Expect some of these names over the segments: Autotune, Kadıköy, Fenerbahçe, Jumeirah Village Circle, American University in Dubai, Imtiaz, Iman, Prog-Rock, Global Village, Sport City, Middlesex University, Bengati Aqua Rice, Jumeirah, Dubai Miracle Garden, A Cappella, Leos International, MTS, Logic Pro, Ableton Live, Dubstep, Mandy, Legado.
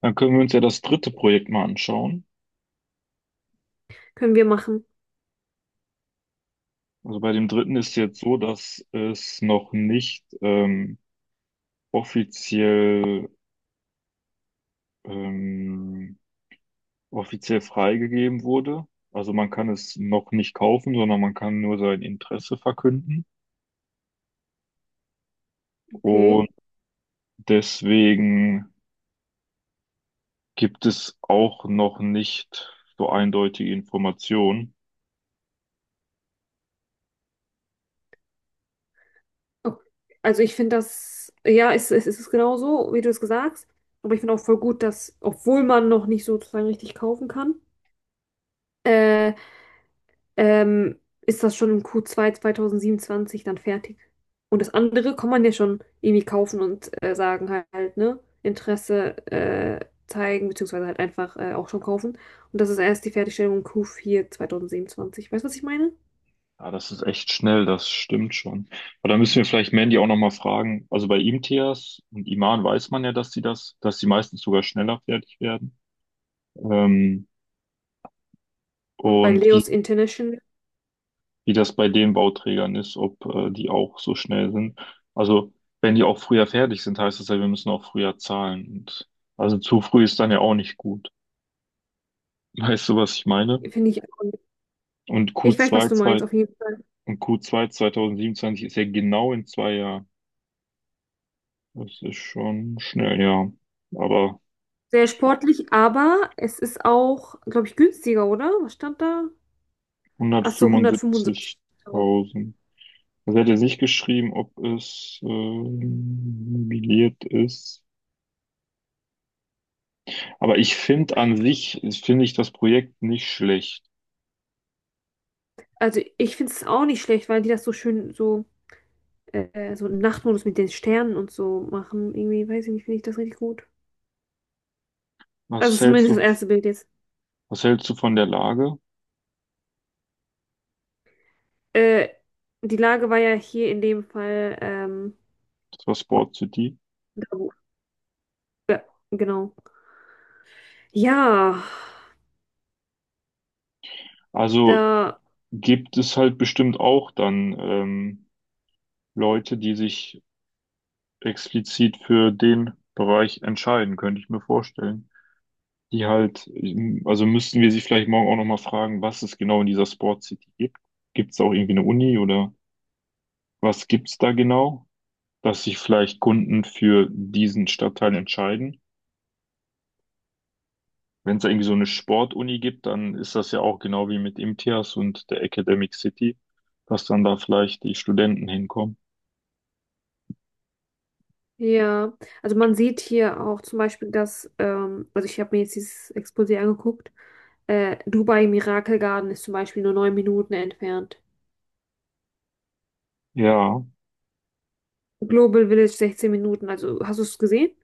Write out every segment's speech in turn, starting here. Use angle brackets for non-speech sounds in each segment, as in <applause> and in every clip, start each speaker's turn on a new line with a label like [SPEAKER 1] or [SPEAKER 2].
[SPEAKER 1] Dann können wir uns ja das dritte Projekt mal anschauen.
[SPEAKER 2] Können wir machen.
[SPEAKER 1] Also bei dem dritten ist jetzt so, dass es noch nicht offiziell, ähm, offiziell freigegeben wurde. Also man kann es noch nicht kaufen, sondern man kann nur sein Interesse verkünden.
[SPEAKER 2] Okay.
[SPEAKER 1] Und deswegen gibt es auch noch nicht so eindeutige Informationen.
[SPEAKER 2] Ok. Also ich finde das, ja, es ist genau so wie du es gesagt hast. Aber ich finde auch voll gut, dass, obwohl man noch nicht sozusagen richtig kaufen kann, äh, ist das schon im Q2 2027 dann fertig. Und das andere kann man ja schon irgendwie kaufen und sagen halt, ne? Interesse zeigen, beziehungsweise halt einfach auch schon kaufen. Und das ist erst die Fertigstellung im Q4 2027. Weißt du, was ich meine?
[SPEAKER 1] Ja, das ist echt schnell, das stimmt schon. Aber da müssen wir vielleicht Mandy auch nochmal fragen. Also bei Imtiaz und Iman weiß man ja, dass sie meistens sogar schneller fertig werden. Ähm,
[SPEAKER 2] Und bei
[SPEAKER 1] und wie,
[SPEAKER 2] Leos International
[SPEAKER 1] wie das bei den Bauträgern ist, ob die auch so schnell sind. Also wenn die auch früher fertig sind, heißt das ja, wir müssen auch früher zahlen. Und also zu früh ist dann ja auch nicht gut. <laughs> Weißt du, was ich meine?
[SPEAKER 2] finde ich auch.
[SPEAKER 1] Und
[SPEAKER 2] Ja,
[SPEAKER 1] Q2,
[SPEAKER 2] ich weiß,
[SPEAKER 1] zwei,
[SPEAKER 2] was du
[SPEAKER 1] zwei,
[SPEAKER 2] meinst, auf jeden Fall.
[SPEAKER 1] und Q2 2027 ist ja genau in 2 Jahren. Das ist schon schnell, ja. Aber
[SPEAKER 2] Sehr sportlich, aber es ist auch, glaube ich, günstiger, oder? Was stand da? Ach so,
[SPEAKER 1] 175.000.
[SPEAKER 2] 175.000.
[SPEAKER 1] Also er hat ja nicht geschrieben, ob es novelliert ist. Aber ich finde an sich, finde ich das Projekt nicht schlecht.
[SPEAKER 2] Also ich finde es auch nicht schlecht, weil die das so schön so, so im Nachtmodus mit den Sternen und so machen. Irgendwie, weiß ich nicht, finde ich das richtig gut. Also
[SPEAKER 1] Was hältst
[SPEAKER 2] zumindest das
[SPEAKER 1] du,
[SPEAKER 2] erste Bild jetzt.
[SPEAKER 1] was hältst du von der Lage?
[SPEAKER 2] Äh, Die Lage war ja hier in dem Fall,
[SPEAKER 1] Das war Sport City.
[SPEAKER 2] da, wo- ja, genau. Ja,
[SPEAKER 1] Also
[SPEAKER 2] da,
[SPEAKER 1] gibt es halt bestimmt auch dann Leute, die sich explizit für den Bereich entscheiden, könnte ich mir vorstellen. die halt, also müssten wir sie vielleicht morgen auch nochmal fragen, was es genau in dieser Sport City gibt. Gibt es auch irgendwie eine Uni oder was gibt es da genau, dass sich vielleicht Kunden für diesen Stadtteil entscheiden? Wenn es da irgendwie so eine Sportuni gibt, dann ist das ja auch genau wie mit IMTIAS und der Academic City, dass dann da vielleicht die Studenten hinkommen.
[SPEAKER 2] ja, also man sieht hier auch zum Beispiel, dass, also ich habe mir jetzt dieses Exposé angeguckt, Dubai Miracle Garden ist zum Beispiel nur 9 Minuten entfernt.
[SPEAKER 1] Ja,
[SPEAKER 2] Global Village 16 Minuten, also hast du es gesehen?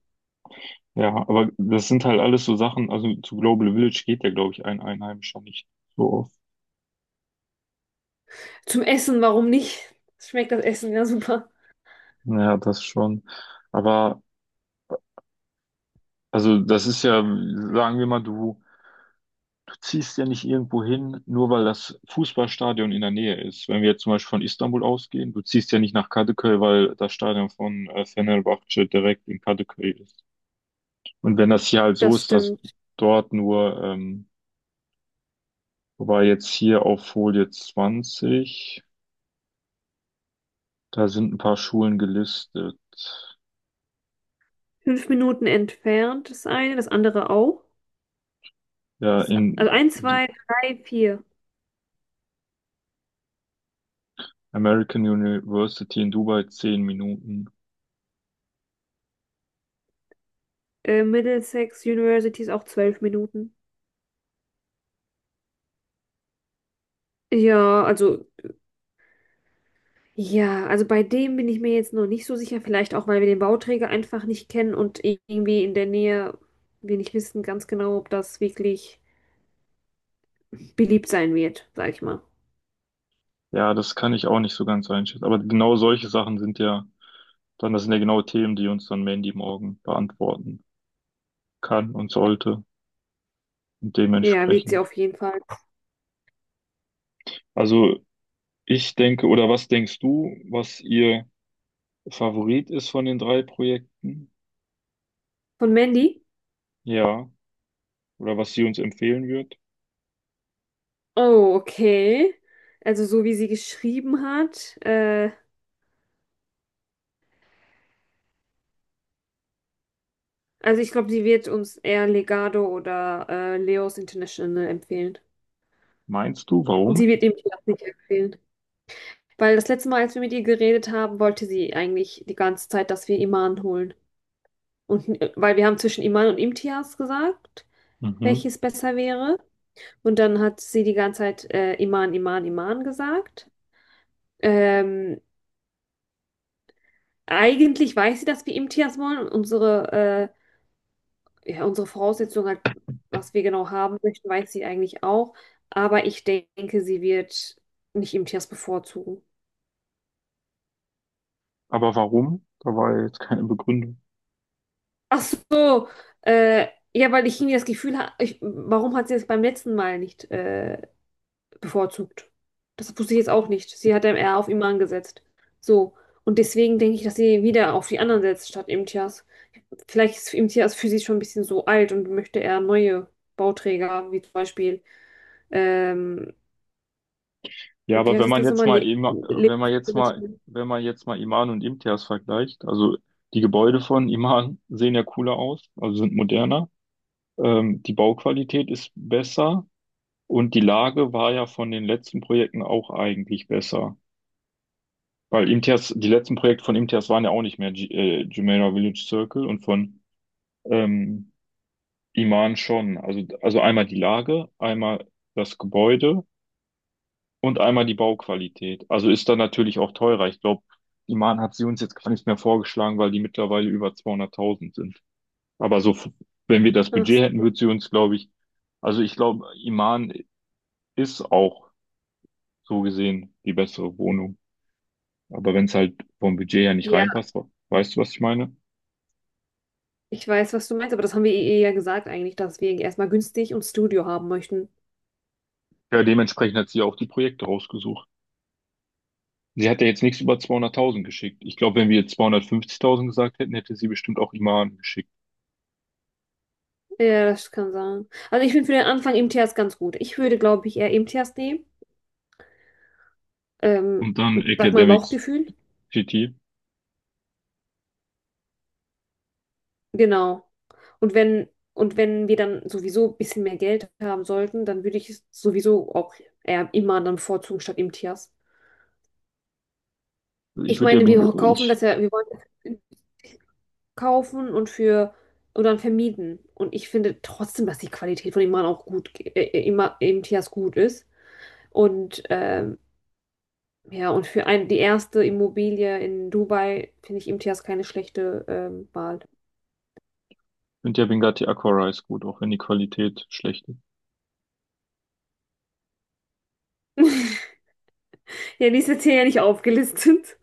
[SPEAKER 1] ja, aber das sind halt alles so Sachen, also zu Global Village geht ja, glaube ich, ein Einheimischer nicht so oft.
[SPEAKER 2] Zum Essen, warum nicht? Schmeckt das Essen ja super.
[SPEAKER 1] Ja, das schon. Aber Also das ist ja, sagen wir mal, du ziehst ja nicht irgendwo hin, nur weil das Fußballstadion in der Nähe ist. Wenn wir jetzt zum Beispiel von Istanbul ausgehen, du ziehst ja nicht nach Kadıköy, weil das Stadion von Fenerbahçe direkt in Kadıköy ist. Und wenn das hier halt so
[SPEAKER 2] Das
[SPEAKER 1] ist, dass
[SPEAKER 2] stimmt.
[SPEAKER 1] dort nur, wobei jetzt hier auf Folie 20, da sind ein paar Schulen gelistet.
[SPEAKER 2] 5 Minuten entfernt das eine, das andere auch.
[SPEAKER 1] Ja,
[SPEAKER 2] Das, also
[SPEAKER 1] in
[SPEAKER 2] eins,
[SPEAKER 1] die
[SPEAKER 2] zwei, drei, vier.
[SPEAKER 1] American University in Dubai 10 Minuten.
[SPEAKER 2] Middlesex University ist auch 12 Minuten. Ja, also, ja, also bei dem bin ich mir jetzt noch nicht so sicher. Vielleicht auch, weil wir den Bauträger einfach nicht kennen und irgendwie in der Nähe wir nicht wissen ganz genau, ob das wirklich beliebt sein wird, sag ich mal.
[SPEAKER 1] Ja, das kann ich auch nicht so ganz einschätzen. Aber genau solche Sachen. Sind ja genau Themen, die uns dann Mandy morgen beantworten kann und sollte und
[SPEAKER 2] Ja, wird sie
[SPEAKER 1] dementsprechend.
[SPEAKER 2] auf jeden Fall.
[SPEAKER 1] Also ich denke, oder was denkst du, was ihr Favorit ist von den drei Projekten?
[SPEAKER 2] Von Mandy?
[SPEAKER 1] Ja, oder was sie uns empfehlen wird?
[SPEAKER 2] Oh, okay. Also so wie sie geschrieben hat. Also ich glaube, sie wird uns eher Legado oder Leos International empfehlen.
[SPEAKER 1] Meinst du, warum?
[SPEAKER 2] Sie wird ihm das nicht empfehlen. Weil das letzte Mal, als wir mit ihr geredet haben, wollte sie eigentlich die ganze Zeit, dass wir Iman holen. Und weil wir haben zwischen Iman und Imtiaz gesagt,
[SPEAKER 1] Mhm.
[SPEAKER 2] welches besser wäre. Und dann hat sie die ganze Zeit Iman, Iman, Iman gesagt. Ähm, Eigentlich weiß sie, dass wir Imtiaz wollen. Und unsere Voraussetzung, halt, was wir genau haben möchten, weiß sie eigentlich auch. Aber ich denke, sie wird nicht Imtiaz bevorzugen.
[SPEAKER 1] Aber warum? Da war ja jetzt keine Begründung.
[SPEAKER 2] Ach so, äh, ja, weil ich irgendwie das Gefühl habe, warum hat sie es beim letzten Mal nicht bevorzugt? Das wusste ich jetzt auch nicht. Sie hat dann eher auf Iman gesetzt. So. Und deswegen denke ich, dass sie wieder auf die anderen setzt, statt Imtiaz. Vielleicht ist Imtiaz für sie schon ein bisschen so alt und möchte eher neue Bauträger, wie zum Beispiel, ähm,
[SPEAKER 1] Ja,
[SPEAKER 2] wie
[SPEAKER 1] aber
[SPEAKER 2] heißt
[SPEAKER 1] wenn
[SPEAKER 2] das
[SPEAKER 1] man
[SPEAKER 2] letzte
[SPEAKER 1] jetzt
[SPEAKER 2] Mal?
[SPEAKER 1] mal
[SPEAKER 2] Le
[SPEAKER 1] Ima-
[SPEAKER 2] Le
[SPEAKER 1] wenn man jetzt
[SPEAKER 2] Das
[SPEAKER 1] mal,
[SPEAKER 2] schon?
[SPEAKER 1] wenn man jetzt mal Iman und Imtiaz vergleicht, also die Gebäude von Iman sehen ja cooler aus, also sind moderner, die Bauqualität ist besser und die Lage war ja von den letzten Projekten auch eigentlich besser. Weil Imtiaz, die letzten Projekte von Imtiaz waren ja auch nicht mehr G Jumeirah Village Circle und von ähm, Iman schon. Also einmal die Lage, einmal das Gebäude und einmal die Bauqualität. Also ist dann natürlich auch teurer. Ich glaube, die Mahn hat sie uns jetzt gar nicht mehr vorgeschlagen, weil die mittlerweile über 200.000 sind. Aber so, wenn wir das
[SPEAKER 2] Ach
[SPEAKER 1] Budget hätten,
[SPEAKER 2] so.
[SPEAKER 1] würde sie uns, glaube ich, also ich glaube, Iman ist auch so gesehen die bessere Wohnung. Aber wenn es halt vom Budget her nicht
[SPEAKER 2] Ja,
[SPEAKER 1] reinpasst, weißt du, was ich meine?
[SPEAKER 2] ich weiß, was du meinst, aber das haben wir ihr ja gesagt eigentlich, dass wir erstmal günstig und Studio haben möchten.
[SPEAKER 1] Ja, dementsprechend hat sie auch die Projekte rausgesucht. Sie hat ja jetzt nichts über 200.000 geschickt. Ich glaube, wenn wir jetzt 250.000 gesagt hätten, hätte sie bestimmt auch Iman geschickt.
[SPEAKER 2] Ja, das kann sein. Also ich finde für den Anfang MTS ganz gut. Ich würde, glaube ich, eher MTS nehmen. Ähm,
[SPEAKER 1] Und dann
[SPEAKER 2] Sag mein
[SPEAKER 1] Academics
[SPEAKER 2] Bauchgefühl.
[SPEAKER 1] City.
[SPEAKER 2] Genau. Und wenn, und wenn wir dann sowieso ein bisschen mehr Geld haben sollten, dann würde ich es sowieso auch eher immer dann bevorzugen statt MTS.
[SPEAKER 1] Ich
[SPEAKER 2] Ich
[SPEAKER 1] würde ja,
[SPEAKER 2] meine,
[SPEAKER 1] Beng-
[SPEAKER 2] wir kaufen
[SPEAKER 1] ich
[SPEAKER 2] das ja, wir wollen das kaufen und dann vermieten. Und ich finde trotzdem, dass die Qualität von Iman auch gut, immer MTS gut ist. Und ja, und für ein, die erste Immobilie in Dubai finde ich Imtiaz keine schlechte Wahl.
[SPEAKER 1] finde ja Bengati Aqua Rice gut, auch wenn die Qualität schlecht ist.
[SPEAKER 2] <laughs> Ja, die ist jetzt hier ja nicht aufgelistet.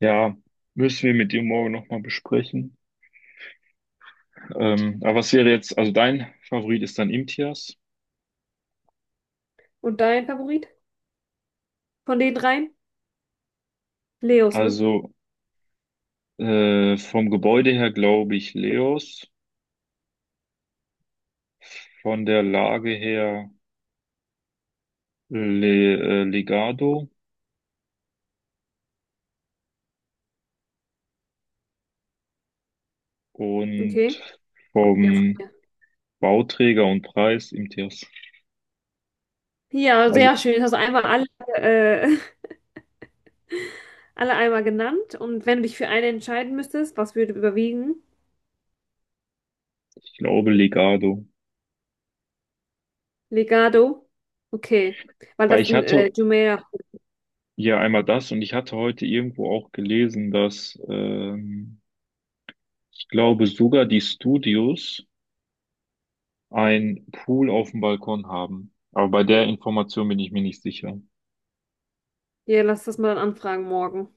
[SPEAKER 1] Ja, müssen wir mit dir morgen nochmal besprechen. Aber was wäre jetzt, also dein Favorit ist dann Imtiaz.
[SPEAKER 2] Und dein Favorit von den dreien? Leos, ne?
[SPEAKER 1] Also vom Gebäude her glaube ich Leos, von der Lage her Legado und
[SPEAKER 2] Okay. Ja, von mir.
[SPEAKER 1] vom Bauträger und Preis Imtiaz.
[SPEAKER 2] Ja,
[SPEAKER 1] Also
[SPEAKER 2] sehr schön. Das hast du einmal alle, äh, <laughs> alle einmal genannt. Und wenn du dich für eine entscheiden müsstest, was würde überwiegen?
[SPEAKER 1] ich glaube Legado.
[SPEAKER 2] Legado? Okay. Weil
[SPEAKER 1] Weil
[SPEAKER 2] das
[SPEAKER 1] ich
[SPEAKER 2] ein
[SPEAKER 1] hatte
[SPEAKER 2] Jumeirah.
[SPEAKER 1] Ja, einmal das. Und ich hatte heute irgendwo auch gelesen, dass ich glaube sogar die Studios einen Pool auf dem Balkon haben. Aber bei der Information bin ich mir nicht sicher.
[SPEAKER 2] Ja, lass das mal anfragen morgen.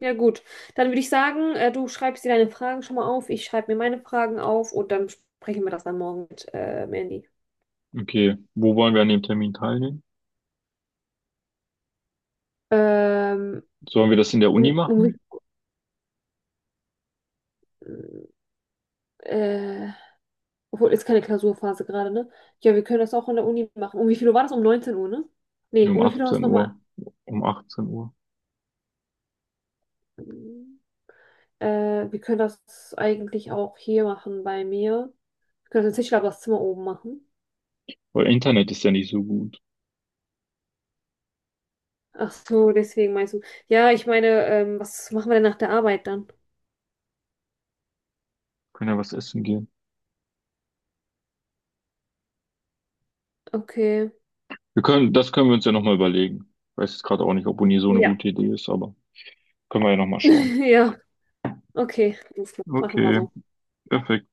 [SPEAKER 2] Ja, gut. Dann würde ich sagen, du schreibst dir deine Fragen schon mal auf, ich schreibe mir meine Fragen auf und dann sprechen wir das dann morgen mit Mandy.
[SPEAKER 1] Okay, wo wollen wir an dem Termin teilnehmen?
[SPEAKER 2] Ähm,
[SPEAKER 1] Sollen wir das in der Uni
[SPEAKER 2] Um, um,
[SPEAKER 1] machen?
[SPEAKER 2] äh, obwohl, ist keine Klausurphase gerade, ne? Ja, wir können das auch an der Uni machen. Um wie viel Uhr war das? Um 19 Uhr, ne?
[SPEAKER 1] Nee,
[SPEAKER 2] Nee,
[SPEAKER 1] um
[SPEAKER 2] um wie viel Uhr hast
[SPEAKER 1] 18
[SPEAKER 2] du nochmal?
[SPEAKER 1] Uhr. Um 18 Uhr.
[SPEAKER 2] Wir können das eigentlich auch hier machen bei mir. Wir können das in Tischler das Zimmer oben machen.
[SPEAKER 1] Weil Internet ist ja nicht so gut.
[SPEAKER 2] Ach so, deswegen meinst du. Ja, ich meine, was machen wir denn nach der Arbeit dann?
[SPEAKER 1] Können ja was essen gehen.
[SPEAKER 2] Okay.
[SPEAKER 1] Das können wir uns ja nochmal überlegen. Weiß jetzt gerade auch nicht, ob Uni so eine
[SPEAKER 2] Ja.
[SPEAKER 1] gute Idee ist, aber können wir ja nochmal schauen.
[SPEAKER 2] <laughs> Ja, okay. Alles klar. Machen wir
[SPEAKER 1] Okay,
[SPEAKER 2] so.
[SPEAKER 1] perfekt.